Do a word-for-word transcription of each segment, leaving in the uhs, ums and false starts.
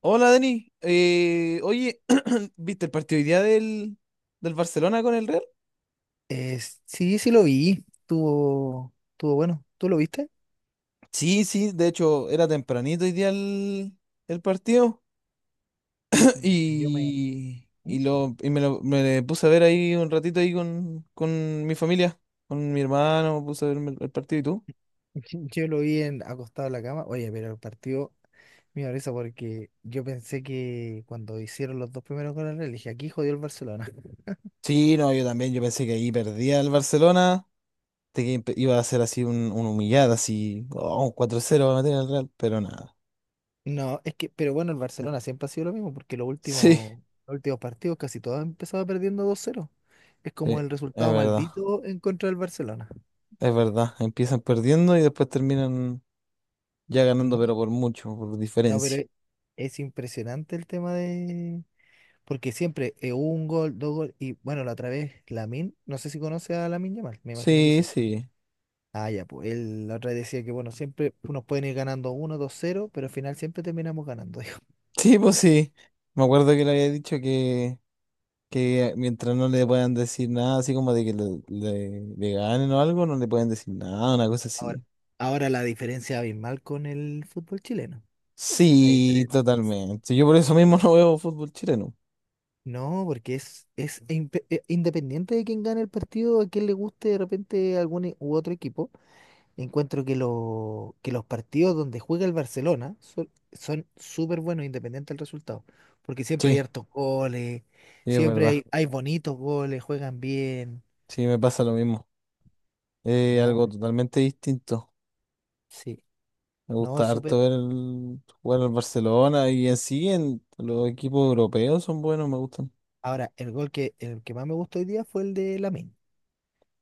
Hola Denis, Eh, oye, ¿viste el partido hoy día del, del Barcelona con el Real? Eh, sí, sí lo vi. Tuvo, tuvo bueno. ¿Tú lo viste? Sí, sí, de hecho era tempranito hoy día el, el partido Me- yo me, y, ¿Mm? y, lo, y me lo me puse a ver ahí un ratito ahí con, con mi familia, con mi hermano, puse a ver el, el partido y tú. Yo lo vi en, acostado en la cama. Oye, pero el partido me dio risa porque yo pensé que cuando hicieron los dos primeros goles, le dije, aquí jodió el Barcelona. Sí, no, yo también, yo pensé que ahí perdía el Barcelona, de que imp- iba a ser así un, un humillado, así, oh, un cuatro cero va a meter el Real, pero nada. No, es que, pero bueno, el Barcelona siempre ha sido lo mismo porque los Sí, sí, últimos, los últimos partidos casi todos empezaba perdiendo dos cero. Es como es el resultado verdad. maldito en contra del Barcelona. Es verdad, empiezan perdiendo y después terminan ya ganando, No, pero por mucho, por no, pero diferencia. es, es impresionante el tema de... Porque siempre eh, un gol, dos goles. Y bueno, la otra vez, Lamin, no sé si conoce a Lamin Yamal, me imagino que Sí, sí. sí. Ah, ya, pues él la otra vez decía que bueno, siempre nos pueden ir ganando uno dos cero, pero al final siempre terminamos ganando, dijo. Sí, pues sí. Me acuerdo que le había dicho que, que mientras no le puedan decir nada, así como de que le, le- le ganen o algo, no le pueden decir nada, una cosa Ahora, así. ahora la diferencia abismal con el fútbol chileno. La Sí, diferencia. totalmente. Yo por eso mismo no veo fútbol chileno. No, porque es, es impe- eh, independiente de quién gane el partido, a quién le guste de repente algún e- u otro equipo, encuentro que, lo- que los partidos donde juega el Barcelona son, son súper buenos, independiente del resultado. Porque siempre hay Sí, hartos goles, sí, es siempre verdad. hay, hay bonitos goles, juegan bien. Sí, me pasa lo mismo. Eh, No, algo totalmente distinto. sí, Me no gusta es súper. harto ver el, jugar al Barcelona y en sí en los equipos europeos son buenos, me gustan. Ahora, el gol que, el que más me gustó hoy día fue el de Lamine.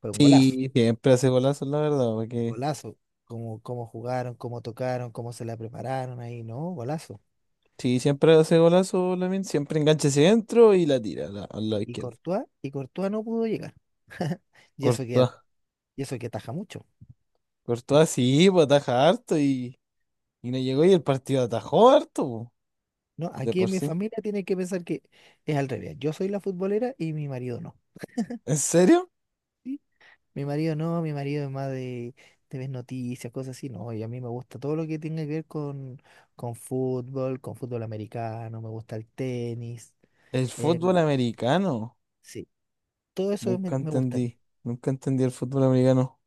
Fue un golazo, Sí, siempre hace golazos, la verdad, porque golazo. Como, cómo jugaron, cómo tocaron, cómo se la prepararon ahí, ¿no? Golazo. sí, siempre hace golazos, Lamine, siempre engancha hacia adentro y la tira a la- al lado Sí, y izquierdo. Courtois, y Courtois no pudo llegar. Y eso que, Courtois, y eso que ataja mucho. Courtois sí, pues ataja harto y, y no llegó y el partido atajó harto, po, No, de aquí por en mi sí. familia tienen que pensar que es al revés. Yo soy la futbolera y mi marido no. ¿En serio? ¿Sí? Mi marido no, mi marido es más de, de ver noticias, cosas así. No, y a mí me gusta todo lo que tenga que ver con, con fútbol, con fútbol americano, me gusta el tenis, El fútbol el... americano. Sí, todo eso me, Nunca me gusta a mí. entendí, nunca entendí el fútbol americano.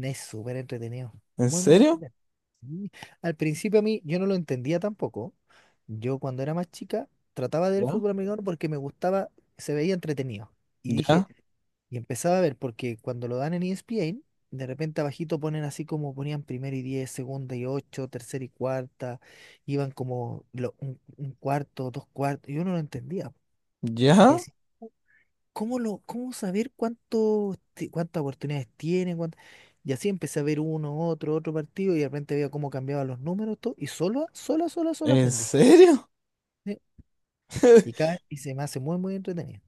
Es súper entretenido, ¿En muy, muy serio? entretenido. Sí. Al principio a mí yo no lo entendía tampoco. Yo cuando era más chica trataba de ver ¿Ya? fútbol americano porque me gustaba, se veía entretenido. Y dije, ¿Ya? y empezaba a ver, porque cuando lo dan en E S P N, de repente abajito ponen así como ponían primero y diez, segunda y ocho, tercera y cuarta, iban como lo- un, un cuarto, dos cuartos, yo no lo entendía. Y ¿Ya? decía, "¿cómo lo, cómo saber cuánto, ti- cuántas oportunidades tienen? ¿Cuánt-?" Y así empecé a ver uno, otro, otro partido, y de repente veía cómo cambiaban los números, todo, y solo, sola, sola, solo ¿En aprendí. serio? ¿Sí? Y cada, y se me hace muy, muy entretenido.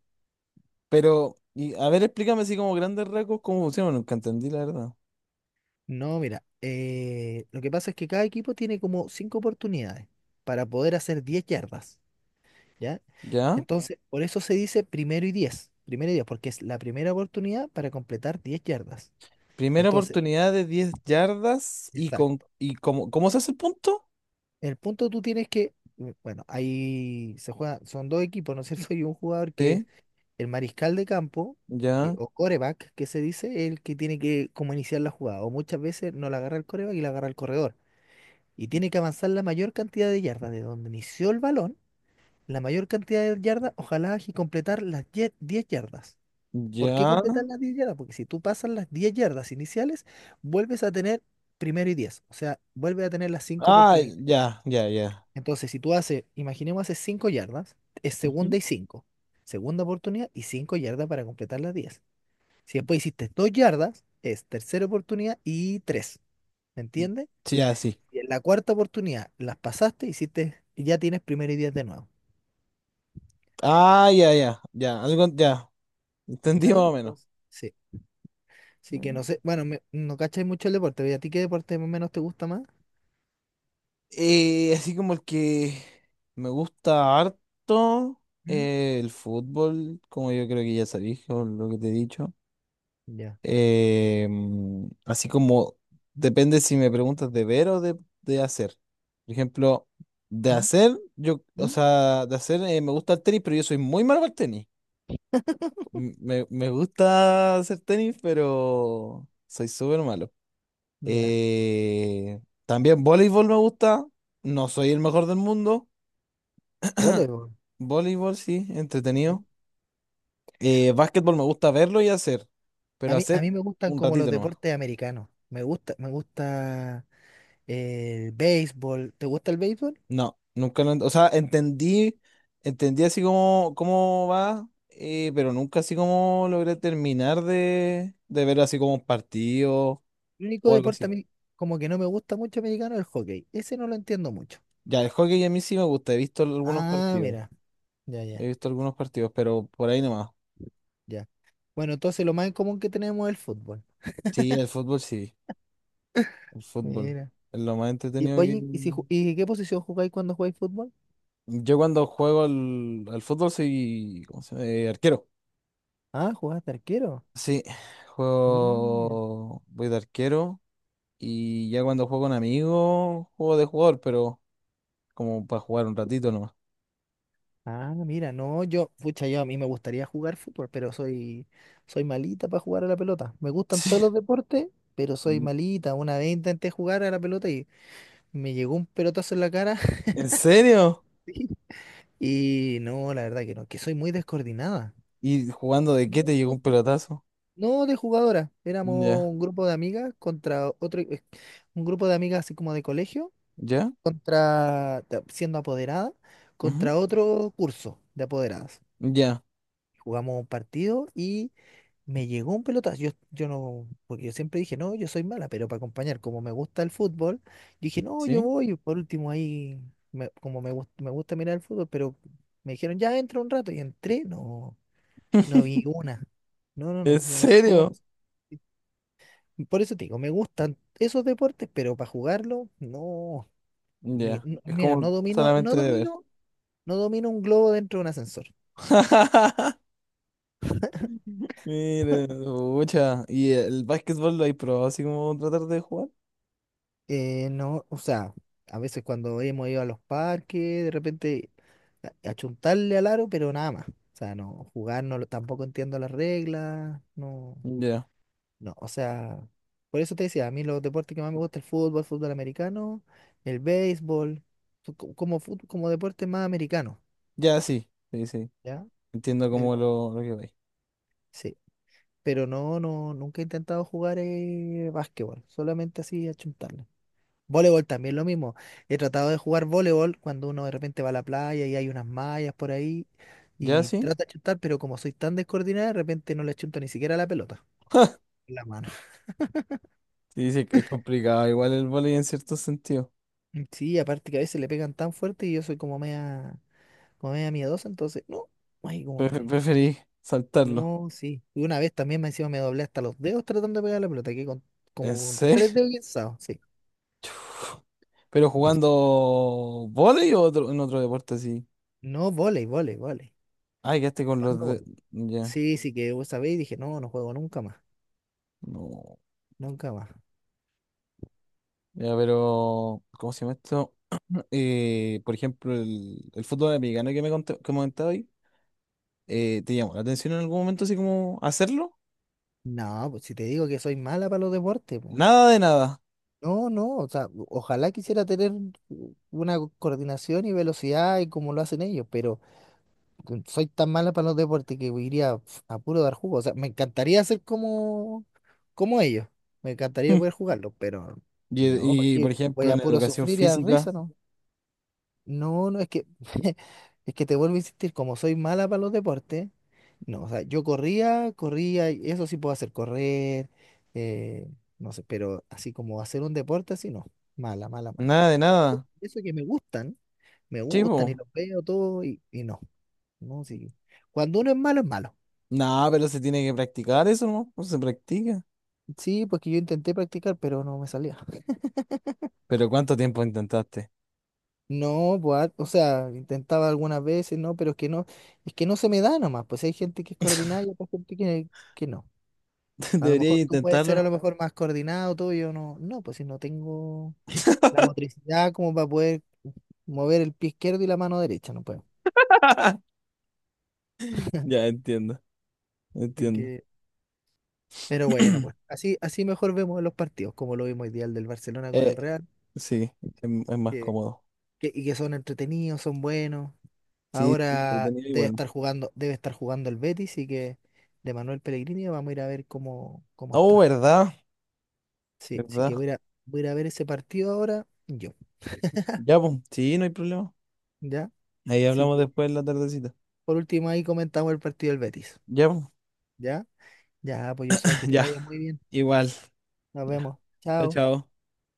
Pero, y, a ver, explícame así como grandes rasgos cómo funciona. Nunca entendí, la verdad. No, mira, eh, lo que pasa es que cada equipo tiene como cinco oportunidades para poder hacer diez yardas, ¿ya? ¿Ya? Entonces, por eso se dice primero y diez, primero y diez, porque es la primera oportunidad para completar diez yardas. Primera Entonces, oportunidad de diez yardas y con exacto. y cómo, ¿cómo se hace el punto? El punto tú tienes que, mm, bueno, ahí se juega, son dos equipos, ¿no es cierto? Y un jugador que es Sí, el mariscal de campo, que, ya, o coreback, que se dice, el que tiene que como iniciar la jugada, o muchas veces no la agarra el coreback y la agarra el corredor, y tiene que avanzar la mayor cantidad de yardas de donde inició el balón, la mayor cantidad de yardas, ojalá y completar las 10 diez yardas. ¿Por qué ya. completar las diez yardas? Porque si tú pasas las diez yardas iniciales, vuelves a tener primero y diez, o sea, vuelves a tener las cinco Ah, oportunidades. ya, ya, ya. Entonces, si tú haces, imaginemos, haces cinco yardas, es Ujú. segunda y cinco, segunda oportunidad y cinco yardas para completar las diez. Si después hiciste dos yardas, es tercera oportunidad y tres. ¿Me entiendes? Sí, ya, sí. Y en la cuarta oportunidad las pasaste, hiciste, y ya tienes primero y diez de nuevo. Ah, ya, ya, ya. Algo, ya. Entendí más ¿Cachai? o menos. Entonces, sí. Así que Mm. no sé, bueno, me- no cachai mucho el deporte, pero ¿y a ti qué deporte más o menos te gusta más? Eh, así como el que me gusta harto, ¿Mm? eh, el fútbol, como yo creo que ya sabéis, o lo que te he dicho. Ya. Eh, mm, así como depende si me preguntas de ver o de, de hacer. Por ejemplo, de ¿Mm? hacer, yo, o ¿Mm? sea, de hacer eh, me gusta el tenis, pero yo soy muy malo para el tenis. M- Me, me gusta hacer tenis, pero soy súper malo. Ya. Eh, también voleibol me gusta. No soy el mejor del mundo. Voleibol. Voleibol, sí, Ya. entretenido. Eh, básquetbol me gusta verlo y hacer, A pero mí, a hacer mí me gustan un como los ratito nomás. deportes americanos. Me gusta, me gusta eh, el béisbol. ¿Te gusta el béisbol? No, nunca lo, ent- o sea, entendí, entendí así como cómo va, eh, pero nunca así como logré terminar de, de ver así como un partido El único o algo deporte a así. mí como que no me gusta mucho americano es el hockey. Ese no lo entiendo mucho. Ya, el hockey a mí sí me gusta, he visto algunos Ah, partidos, mira, ya, he ya, visto algunos partidos, pero por ahí nomás. ya. Bueno, entonces lo más en común que tenemos es el fútbol. Sí, el fútbol sí, el fútbol. Mira. Es lo más Y, entretenido que... oye, ¿y, si, ju- y qué posición jugáis cuando jugáis fútbol? Yo cuando juego al, al fútbol soy, ¿cómo se llama? Eh, arquero. Ah, jugás arquero. Sí, Mira. juego, voy de arquero. Y ya cuando juego con amigos, juego de jugador, pero como para jugar un ratito nomás. Ah, mira, no, yo, pucha, yo a mí me gustaría jugar fútbol, pero soy, soy malita para jugar a la pelota. Me gustan todos Sí. los deportes, pero soy Mm. malita. Una vez intenté jugar a la pelota y me llegó un pelotazo en la cara. ¿En serio? Sí. Y no, la verdad que no, que soy muy descoordinada. ¿Y jugando de qué Muy, te muy llegó un descoordinada. pelotazo? No de jugadora, éramos Ya, un grupo de amigas contra otro, eh, un grupo de amigas así como de colegio ya, contra, ta- siendo apoderada, ujú, contra otro curso de apoderadas. ya, Jugamos un partido y me llegó un pelotazo. Yo, yo no, porque yo siempre dije, no, yo soy mala, pero para acompañar, como me gusta el fútbol, yo dije, no, yo ¿sí? voy. Por último, ahí, me- como me, gust- me gusta mirar el fútbol, pero me dijeron, ya entra un rato y entré, no, no vi una. No, no, ¿En no, yo no sé cómo. serio? Por eso te digo, me gustan esos deportes, pero para jugarlo, no. ni- Ya, No, es mira, no como domino, no solamente de ver. domino no domino un globo dentro de un ascensor. Mire mucha. ¿Y el básquetbol lo hay probado así como tratar de jugar? Eh, no, o sea, a veces cuando hemos ido a los parques, de repente a- achuntarle al aro, pero nada más. O sea, no, jugar no, lo- tampoco entiendo las reglas, no, Ya, no, o sea, por eso te decía, a mí los deportes que más me gusta el fútbol, fútbol americano, el béisbol, son co- como fut- como deporte más americano, ya, sí, sí, sí. ¿ya? Entiendo como Pero lo, lo que vais. sí, pero no, no, nunca he intentado jugar eh, básquetbol, solamente así achuntarle. Voleibol también lo mismo. He tratado de jugar voleibol cuando uno de repente va a la playa y hay unas mallas por ahí Ya, y sí. trata de chutar, pero como soy tan descoordinada, de repente no le chuto ni siquiera la pelota en la mano. Sí, sí, es complicado, igual el vóley en cierto sentido. Mm, sí, aparte que a veces le pegan tan fuerte y yo soy como media, como media miedosa, entonces, no, ay, como Pre- que, preferí saltarlo. no, sí. Y una vez también me encima me doblé hasta los dedos tratando de pegar la pelota, que con, ¿En como con serio? tres dedos guinzados, sí. Chuf. ¿Pero jugando vóley o otro, en otro deporte así? No, volei, volei, volei. Ay, quedaste con los ¿Cuándo de... volei? Ya, Sí, sí, que vos sabéis, dije, no, no juego nunca más, no. nunca más. Ya, pero... ¿Cómo se llama esto? Eh, por ejemplo, el, el fútbol americano que me conté- que comentaba hoy, eh, ¿te llamó la atención en algún momento así como hacerlo? No, pues si te digo que soy mala para los deportes, pues. Nada de nada. No, no, o sea, ojalá quisiera tener una co- coordinación y velocidad y como lo hacen ellos, pero con- soy tan mala para los deportes que iría pf, a puro dar jugo. O sea, me encantaría ser como, como ellos, me encantaría poder jugarlo, pero no, Y, y, porque por voy ejemplo, a en puro educación sufrir y a dar física, risa, ¿no? No, no, es que, es que te vuelvo a insistir, como soy mala para los deportes, no, o sea, yo corría, corría, y eso sí puedo hacer, correr, eh, no sé, pero así como hacer un deporte así, no, mala, mala, mala. nada de nada. Eso que me gustan, me gustan y Chivo. los veo todo y, y no, no, sí. Cuando uno es malo, es malo. Nada, pero se tiene que practicar eso, ¿no? No se practica. Sí, porque yo intenté practicar, pero no me salía. Pero ¿cuánto tiempo intentaste? No, pues, o sea, intentaba algunas veces, no, pero es que no, es que no se me da nomás, pues hay gente que es coordinada y otra gente que, que no. A lo mejor Debería tú puedes intentarlo, ser a lo ¿no? mejor más coordinado, todo, yo no, no, pues si no tengo... La motricidad como para poder mover el pie izquierdo y la mano derecha, no puedo. Ya entiendo, Así entiendo. que, pero bueno, pues así, así mejor vemos los partidos, como lo vimos ideal del Barcelona con Eh, el Real, sí, es, es más que, cómodo. que- y que son entretenidos, son buenos. Sí, Ahora entretenido y debe bueno. estar jugando, debe estar jugando el Betis, y que de Manuel Pellegrini vamos a ir a ver cómo, cómo Oh, está. ¿verdad? Sí, sí que ¿Verdad? voy a, ir a- voy a ir a ver ese partido ahora yo, Ya, pues, sí, no hay problema. ¿ya? Ahí Así hablamos que después en la tardecita. por último ahí comentamos el partido del Betis, Ya, pues, ¿ya? Ya, pues yo soy que te ya, vaya muy bien. igual. Nos Ya. vemos. Chao, Chao. chao.